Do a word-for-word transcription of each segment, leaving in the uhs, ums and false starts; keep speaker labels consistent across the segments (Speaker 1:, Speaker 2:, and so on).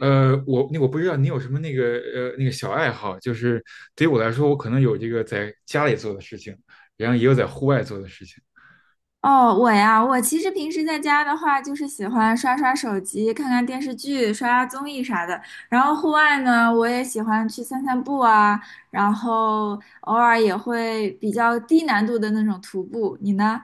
Speaker 1: 呃，我那我不知道你有什么那个呃那个小爱好，就是对于我来说，我可能有这个在家里做的事情，然后也有在户外做的事情。
Speaker 2: 哦，我呀，我其实平时在家的话，就是喜欢刷刷手机、看看电视剧、刷刷综艺啥的。然后户外呢，我也喜欢去散散步啊，然后偶尔也会比较低难度的那种徒步。你呢？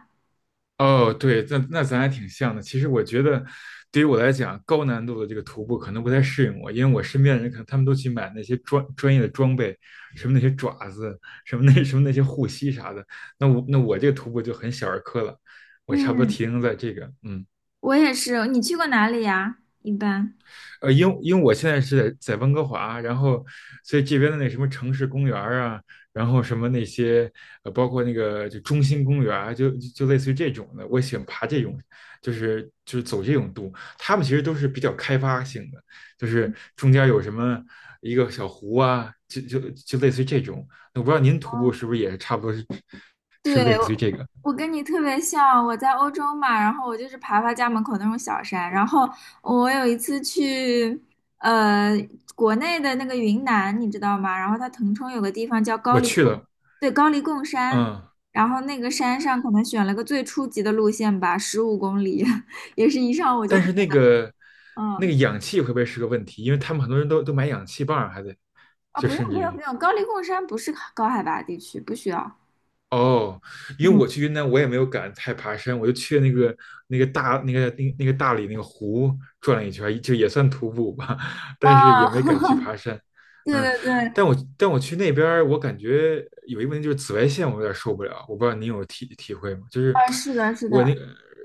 Speaker 1: 哦，对，那那咱还挺像的。其实我觉得，对于我来讲，高难度的这个徒步可能不太适应我，因为我身边的人可能他们都去买那些专专业的装备，什么那些爪子，什么那什么那些护膝啥的。那我那我这个徒步就很小儿科了，我差不多
Speaker 2: 嗯，
Speaker 1: 停留在这个，嗯。
Speaker 2: 我也是。你去过哪里呀？一般。
Speaker 1: 呃，因因为我现在是在在温哥华，然后所以这边的那什么城市公园儿啊，然后什么那些呃，包括那个就中心公园儿啊就就就类似于这种的，我喜欢爬这种，就是就是走这种路，他们其实都是比较开发性的，就是中间有什么一个小湖啊，就就就类似于这种。我不知道您徒步是不是也差不多是是类
Speaker 2: 对，
Speaker 1: 似于
Speaker 2: 我
Speaker 1: 这个，
Speaker 2: 我跟你特别像，我在欧洲嘛，然后我就是爬爬家门口那种小山，然后我有一次去呃国内的那个云南，你知道吗？然后它腾冲有个地方叫高
Speaker 1: 我
Speaker 2: 黎
Speaker 1: 去
Speaker 2: 贡，
Speaker 1: 了，
Speaker 2: 对，高黎贡山，
Speaker 1: 嗯。
Speaker 2: 然后那个山上可能选了个最初级的路线吧，十五公里，也是一上午就
Speaker 1: 但是那个那个
Speaker 2: 嗯
Speaker 1: 氧气会不会是个问题？因为他们很多人都都买氧气棒儿还得
Speaker 2: 啊，
Speaker 1: 就
Speaker 2: 不用
Speaker 1: 甚至
Speaker 2: 不用
Speaker 1: 于。
Speaker 2: 不用，高黎贡山不是高海拔地区，不需要。
Speaker 1: 哦，因为
Speaker 2: 嗯
Speaker 1: 我去云南，我也没有敢太爬山，我就去那个那个大那个那个那个大理那个湖转了一圈，就也算徒步吧，
Speaker 2: 啊，
Speaker 1: 但是也没敢去爬 山。
Speaker 2: 对
Speaker 1: 嗯，
Speaker 2: 对对，
Speaker 1: 但我但我去那边儿我感觉有一个问题就是紫外线，我有点受不了。我不知道您有体体会吗？就是
Speaker 2: 啊，是的，是
Speaker 1: 我那
Speaker 2: 的，
Speaker 1: 个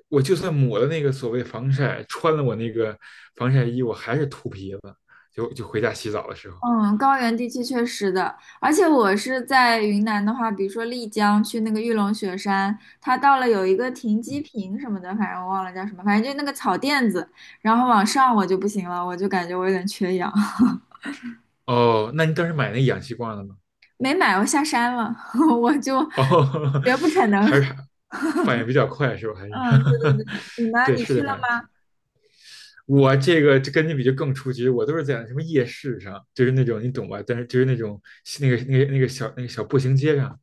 Speaker 1: 我就算抹了那个所谓防晒，穿了我那个防晒衣，我还是秃皮子，就就回家洗澡的时候。
Speaker 2: 嗯，高原地区确实的，而且我是在云南的话，比如说丽江去那个玉龙雪山，它到了有一个停机
Speaker 1: 嗯。
Speaker 2: 坪什么的，反正我忘了叫什么，反正就那个草垫子，然后往上我就不行了，我就感觉我有点缺氧，
Speaker 1: 哦，那你当时买那个氧气罐了吗？
Speaker 2: 没买，我下山了，我就
Speaker 1: 哦，
Speaker 2: 绝不可能。
Speaker 1: 还是反应比较快是吧？还是
Speaker 2: 嗯，对对 对，你呢？
Speaker 1: 对，
Speaker 2: 你
Speaker 1: 是
Speaker 2: 去
Speaker 1: 的，
Speaker 2: 了
Speaker 1: 反应。
Speaker 2: 吗？
Speaker 1: 我这个就跟你比就更初级，我都是在什么夜市上，就是那种你懂吧？但是就是那种那个那个那个小那个小步行街上，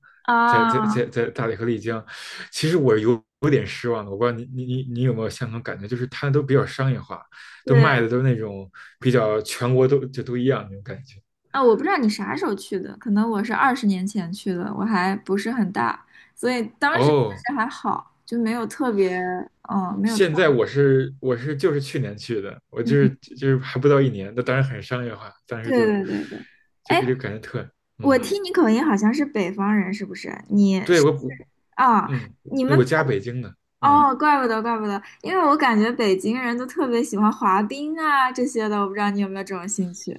Speaker 1: 在
Speaker 2: 啊，
Speaker 1: 在在在大理和丽江，其实我有有点失望的。我不知道你你你你有没有相同感觉，就是它都比较商业化，都
Speaker 2: 对。
Speaker 1: 卖的都是那种比较全国都就都一样那种感觉。
Speaker 2: 啊，我不知道你啥时候去的，可能我是二十年前去的，我还不是很大，所以当时确
Speaker 1: 哦，
Speaker 2: 实还好，就没有特别，嗯，没有特，
Speaker 1: 现在我是我是就是去年去的，我
Speaker 2: 嗯，
Speaker 1: 就是就是还不到一年，那当然很商业化，当时
Speaker 2: 对
Speaker 1: 就
Speaker 2: 对对对。
Speaker 1: 就
Speaker 2: 哎，
Speaker 1: 就感觉特。
Speaker 2: 我
Speaker 1: 嗯，
Speaker 2: 听你口音好像是北方人，是不是？你
Speaker 1: 对
Speaker 2: 是
Speaker 1: 我。
Speaker 2: 啊，
Speaker 1: 嗯，
Speaker 2: 你
Speaker 1: 那
Speaker 2: 们
Speaker 1: 我家北京的，嗯。
Speaker 2: 哦，怪不得怪不得，因为我感觉北京人都特别喜欢滑冰啊这些的，我不知道你有没有这种兴趣。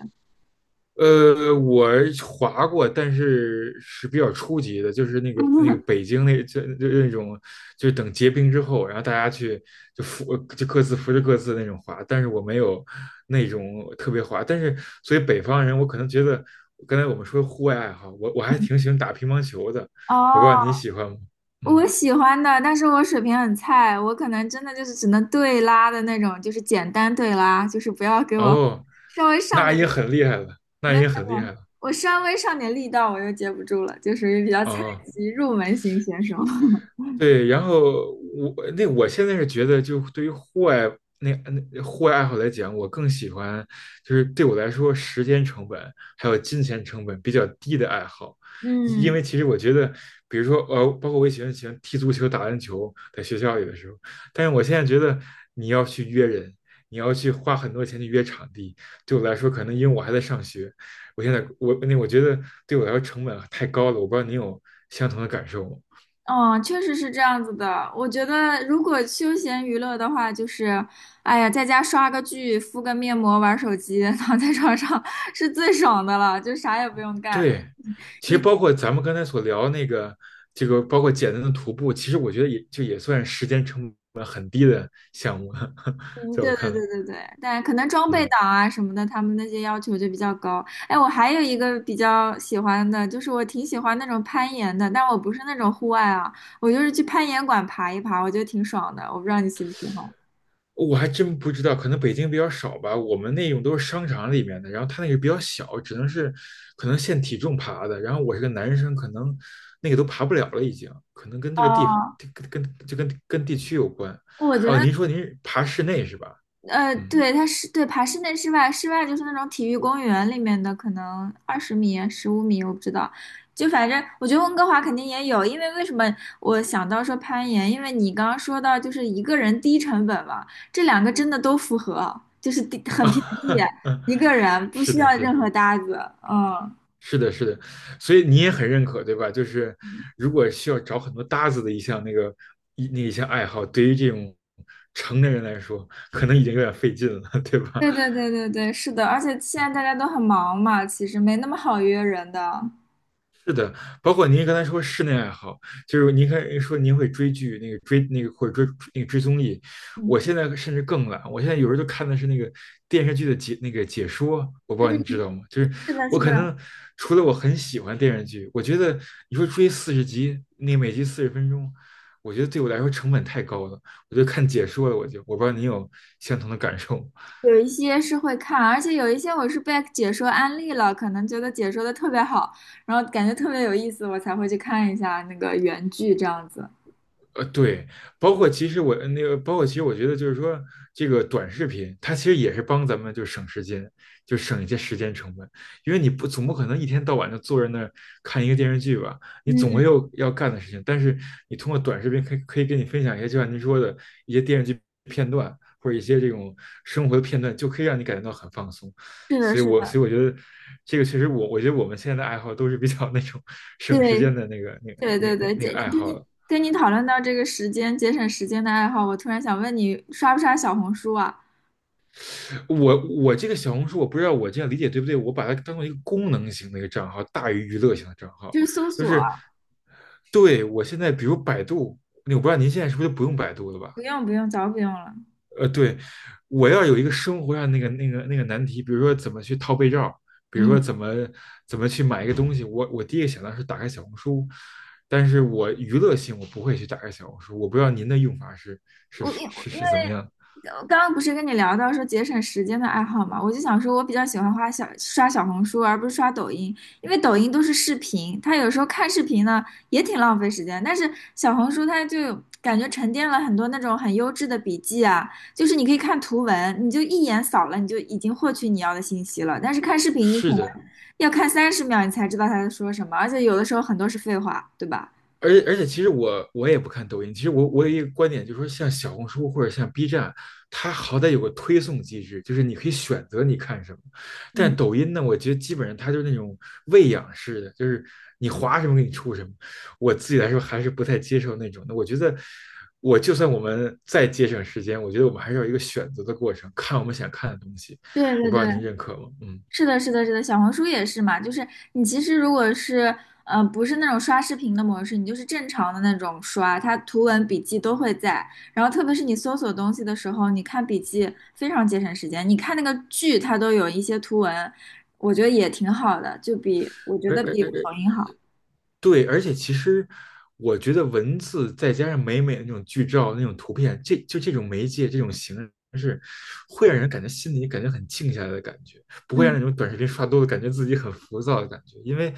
Speaker 1: 呃，我滑过，但是是比较初级的，就是那个那个北 京那就就那种，就是等结冰之后，然后大家去就扶就各自扶着各自那种滑，但是我没有那种特别滑，但是所以北方人我可能觉得，刚才我们说户外爱好，我我还挺喜欢打乒乓球的，我不知道你
Speaker 2: 哦，
Speaker 1: 喜欢吗？
Speaker 2: 我
Speaker 1: 嗯，
Speaker 2: 喜欢的，但是我水平很菜，我可能真的就是只能对拉的那种，就是简单对拉，就是不要给我
Speaker 1: 哦，
Speaker 2: 稍微上
Speaker 1: 那
Speaker 2: 点
Speaker 1: 也很厉害了，那
Speaker 2: 那
Speaker 1: 也很厉
Speaker 2: 个，
Speaker 1: 害了，
Speaker 2: 我稍微上点力道我就接不住了，就属于比较菜
Speaker 1: 哦。
Speaker 2: 鸡入门型选手。
Speaker 1: 对，然后我那我现在是觉得，就对于户外那那户外爱好来讲，我更喜欢就是对我来说，时间成本还有金钱成本比较低的爱好，因因
Speaker 2: 嗯，
Speaker 1: 为其实我觉得，比如说呃，包括我也喜欢喜欢踢足球、打篮球，在学校里的时候，但是我现在觉得你要去约人，你要去花很多钱去约场地，对我来说，可能因为我还在上学，我现在我那我觉得对我来说成本啊太高了，我不知道你有相同的感受吗？
Speaker 2: 哦，确实是这样子的。我觉得如果休闲娱乐的话，就是，哎呀，在家刷个剧、敷个面膜、玩手机，躺在床上 是最爽的了，就啥也不用干。
Speaker 1: 对，其实包括咱们刚才所聊那个，这个包括简单的徒步，其实我觉得也就也算时间成本很低的项目了，
Speaker 2: 嗯，
Speaker 1: 在我
Speaker 2: 对对
Speaker 1: 看来。
Speaker 2: 对对对，但可能装备
Speaker 1: 嗯，
Speaker 2: 党啊什么的，他们那些要求就比较高。哎，我还有一个比较喜欢的，就是我挺喜欢那种攀岩的，但我不是那种户外啊，我就是去攀岩馆爬一爬，我觉得挺爽的。我不知道你喜不喜欢。
Speaker 1: 我还真不知道，可能北京比较少吧，我们那种都是商场里面的，然后它那个比较小，只能是可能限体重爬的，然后我是个男生，可能那个都爬不了了，已经，可能跟这
Speaker 2: 啊？
Speaker 1: 个地跟跟就跟跟地区有关。
Speaker 2: 我觉得
Speaker 1: 哦、您说您是爬室内是吧？
Speaker 2: 呃，
Speaker 1: 嗯，
Speaker 2: 对，它是对爬室内、室外，室外就是那种体育公园里面的，可能二十米啊、十五米，我不知道。就反正我觉得温哥华肯定也有，因为为什么我想到说攀岩？因为你刚刚说到就是一个人低成本嘛，这两个真的都符合，就是低很便宜，一个人不
Speaker 1: 是
Speaker 2: 需要
Speaker 1: 的，是的。
Speaker 2: 任何搭子。嗯，
Speaker 1: 是的，是的，所以你也很认可，对吧？就是如果需要找很多搭子的一项那个一那一项爱好，对于这种成年人来说，可能已经有点费劲了，对吧？
Speaker 2: 对对对对对，是的，而且现在大家都很忙嘛，其实没那么好约人的。
Speaker 1: 是的，包括您刚才说室内爱好，就是您看说您会追剧，那个追那个或者追那个追综艺，我
Speaker 2: 嗯
Speaker 1: 现在甚至更懒，我现在有时候就看的是那个电视剧的解那个解说，我不知
Speaker 2: 嗯，
Speaker 1: 道您知道吗？就是
Speaker 2: 是的，
Speaker 1: 我
Speaker 2: 是的。
Speaker 1: 可能除了我很喜欢电视剧，我觉得你说追四十集，那每集四十分钟，我觉得对我来说成本太高了，我就看解说了，我就我不知道您有相同的感受吗？
Speaker 2: 有一些是会看，而且有一些我是被解说安利了，可能觉得解说的特别好，然后感觉特别有意思，我才会去看一下那个原剧这样子。
Speaker 1: 呃，对，包括其实我呃那个，包括其实我觉得就是说，这个短视频它其实也是帮咱们就省时间，就省一些时间成本，因为你不总不可能一天到晚就坐在那儿看一个电视剧吧，你总
Speaker 2: 嗯，
Speaker 1: 会有要干的事情。但是你通过短视频可以可以跟你分享一些，就像您说的一些电视剧片段或者一些这种生活的片段，就可以让你感觉到很放松。
Speaker 2: 是的，
Speaker 1: 所以
Speaker 2: 是
Speaker 1: 我
Speaker 2: 的，
Speaker 1: 所以我觉得这个确实我我觉得我们现在的爱好都是比较那种 省时
Speaker 2: 对，
Speaker 1: 间的那个那个
Speaker 2: 对
Speaker 1: 那
Speaker 2: 对
Speaker 1: 个那个
Speaker 2: 对，
Speaker 1: 那个
Speaker 2: 姐，
Speaker 1: 爱
Speaker 2: 跟
Speaker 1: 好
Speaker 2: 你
Speaker 1: 了。
Speaker 2: 跟你讨论到这个时间节省时间的爱好，我突然想问你，刷不刷小红书啊？
Speaker 1: 我我这个小红书，我不知道我这样理解对不对，我把它当做一个功能型的一个账号，大于娱乐型的账号。
Speaker 2: 就是搜
Speaker 1: 就
Speaker 2: 索啊
Speaker 1: 是对我现在，比如百度，那我不知道您现在是不是就不用百度了吧？
Speaker 2: 不用不用，早不用了。
Speaker 1: 呃，对，我要有一个生活上那个那个那个难题，比如说怎么去套被罩，比如说
Speaker 2: 嗯。
Speaker 1: 怎么怎么去买一个东西，我我第一个想到是打开小红书，但是我娱乐性我不会去打开小红书，我不知道您的用法是是
Speaker 2: 我因
Speaker 1: 是是
Speaker 2: 因为
Speaker 1: 是怎么样？
Speaker 2: 我刚刚不是跟你聊到说节省时间的爱好嘛，我就想说，我比较喜欢花小刷小红书，而不是刷抖音，因为抖音都是视频，它有时候看视频呢也挺浪费时间，但是小红书它就感觉沉淀了很多那种很优质的笔记啊，就是你可以看图文，你就一眼扫了，你就已经获取你要的信息了，但是看视频你可
Speaker 1: 是
Speaker 2: 能
Speaker 1: 的，
Speaker 2: 要看三十秒你才知道他在说什么，而且有的时候很多是废话，对吧？
Speaker 1: 而且而且，其实我我也不看抖音。其实我我有一个观点，就是说，像小红书或者像 B 站，它好歹有个推送机制，就是你可以选择你看什么。但
Speaker 2: 嗯，
Speaker 1: 抖音呢，我觉得基本上它就是那种喂养式的，就是你划什么给你出什么。我自己来说还是不太接受那种的。我觉得，我就算我们再节省时间，我觉得我们还是要有一个选择的过程，看我们想看的东西。
Speaker 2: 对
Speaker 1: 我
Speaker 2: 对
Speaker 1: 不知
Speaker 2: 对，
Speaker 1: 道您认可吗？嗯。
Speaker 2: 是的，是的，是的，小红书也是嘛，就是你其实如果是呃不是那种刷视频的模式，你就是正常的那种刷，它图文笔记都会在。然后特别是你搜索东西的时候，你看笔记非常节省时间。你看那个剧，它都有一些图文，我觉得也挺好的，就比我觉
Speaker 1: 而
Speaker 2: 得比
Speaker 1: 而。
Speaker 2: 抖音好。
Speaker 1: 对，而且其实我觉得文字再加上美美的那种剧照、那种图片，这就这种媒介、这种形式，会让人感觉心里感觉很静下来的感觉，不会让
Speaker 2: 嗯。
Speaker 1: 那种短视频刷多了感觉自己很浮躁的感觉。因为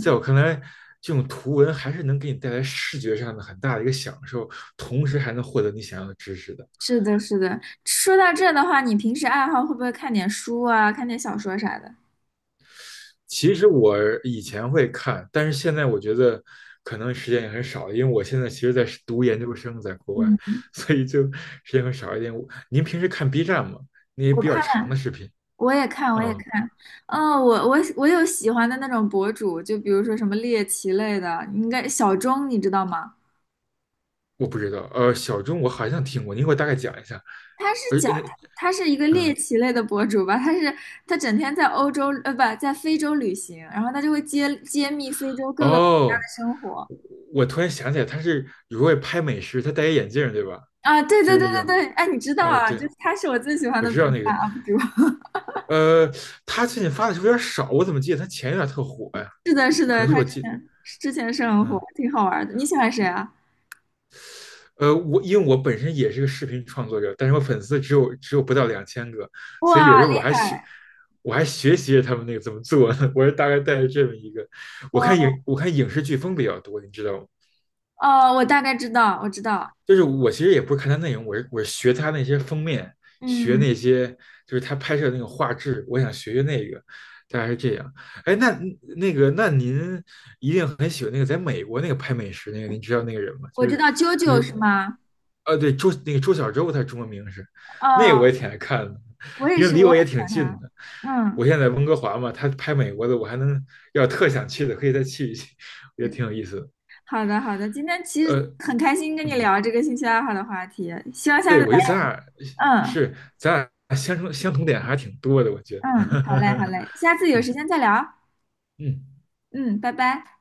Speaker 1: 在我看来，这种图文还是能给你带来视觉上的很大的一个享受，同时还能获得你想要的知识的。
Speaker 2: 是是是，是的，是的。说到这的话，你平时爱好会不会看点书啊，看点小说啥的？
Speaker 1: 其实我以前会看，但是现在我觉得可能时间也很少，因为我现在其实在读研究生，在国外，
Speaker 2: 嗯。
Speaker 1: 所以就时间会少一点。我您平时看 B 站吗？那些
Speaker 2: 我
Speaker 1: 比较
Speaker 2: 看。
Speaker 1: 长的视频？
Speaker 2: 我也看，我也
Speaker 1: 嗯，
Speaker 2: 看。哦，我我我有喜欢的那种博主，就比如说什么猎奇类的，应该小钟你知道吗？
Speaker 1: 我不知道。呃，小钟我好像听过，您给我大概讲一下。
Speaker 2: 他是
Speaker 1: 而
Speaker 2: 讲
Speaker 1: 那
Speaker 2: 他是一个猎
Speaker 1: 嗯
Speaker 2: 奇类的博主吧，他是他整天在欧洲呃不在非洲旅行，然后他就会揭揭秘非洲各个国家
Speaker 1: 哦，
Speaker 2: 的生活
Speaker 1: 我我突然想起来，他是有时候会拍美食，他戴一眼镜儿对吧？
Speaker 2: 啊，对
Speaker 1: 就
Speaker 2: 对
Speaker 1: 是
Speaker 2: 对
Speaker 1: 那
Speaker 2: 对
Speaker 1: 个，
Speaker 2: 对，哎，你知道
Speaker 1: 呃，
Speaker 2: 啊，就
Speaker 1: 对，
Speaker 2: 是他是我最喜欢
Speaker 1: 我
Speaker 2: 的
Speaker 1: 知
Speaker 2: B
Speaker 1: 道那
Speaker 2: 站
Speaker 1: 个，
Speaker 2: U P 主，
Speaker 1: 呃，他最近发的是不是有点少？我怎么记得他前一段特火呀？
Speaker 2: 是的，是
Speaker 1: 可
Speaker 2: 的，
Speaker 1: 能是
Speaker 2: 他
Speaker 1: 我
Speaker 2: 之
Speaker 1: 记，
Speaker 2: 前之前是很火，
Speaker 1: 嗯。
Speaker 2: 挺好玩的。你喜欢谁啊？
Speaker 1: 呃，我因为我本身也是个视频创作者，但是我粉丝只有只有不到两千个，所以
Speaker 2: 哇，
Speaker 1: 有时候我还
Speaker 2: 厉
Speaker 1: 学，
Speaker 2: 害！
Speaker 1: 我还学习着他们那个怎么做呢。我是大概带着这么一个，我看
Speaker 2: 哦
Speaker 1: 影我看影视剧风比较多，你知道吗？
Speaker 2: 哦，我大概知道，我知道。
Speaker 1: 就是我其实也不是看他内容，我是我是学他那些封面，学
Speaker 2: 嗯，
Speaker 1: 那些就是他拍摄那个画质，我想学学那个，大概是这样。哎，那那个那您一定很喜欢那个在美国那个拍美食那个，您知道那个人吗？
Speaker 2: 我
Speaker 1: 就
Speaker 2: 知
Speaker 1: 是
Speaker 2: 道啾
Speaker 1: 那
Speaker 2: 啾
Speaker 1: 个，
Speaker 2: 是吗？
Speaker 1: 呃，对周那个周小周，他中文名是那个我
Speaker 2: 哦，
Speaker 1: 也挺爱看的，
Speaker 2: 我也
Speaker 1: 因为
Speaker 2: 是，
Speaker 1: 离
Speaker 2: 我
Speaker 1: 我
Speaker 2: 很喜
Speaker 1: 也挺
Speaker 2: 欢
Speaker 1: 近
Speaker 2: 他。
Speaker 1: 的。
Speaker 2: 嗯，
Speaker 1: 我现在在温哥华嘛，他拍美国的，我还能要特想去的，可以再去一去，我觉得
Speaker 2: 是
Speaker 1: 挺有意思的。
Speaker 2: 好的好的，今天其
Speaker 1: 呃，
Speaker 2: 实很开心跟你
Speaker 1: 嗯。
Speaker 2: 聊这个兴趣爱好的话题，希望下
Speaker 1: 对，
Speaker 2: 次来，
Speaker 1: 我觉得咱俩
Speaker 2: 嗯
Speaker 1: 是咱俩相同相同点还挺多的，我觉得。
Speaker 2: 嗯，好嘞好 嘞，下次有
Speaker 1: 嗯
Speaker 2: 时间再聊。
Speaker 1: 嗯。
Speaker 2: 嗯，拜拜。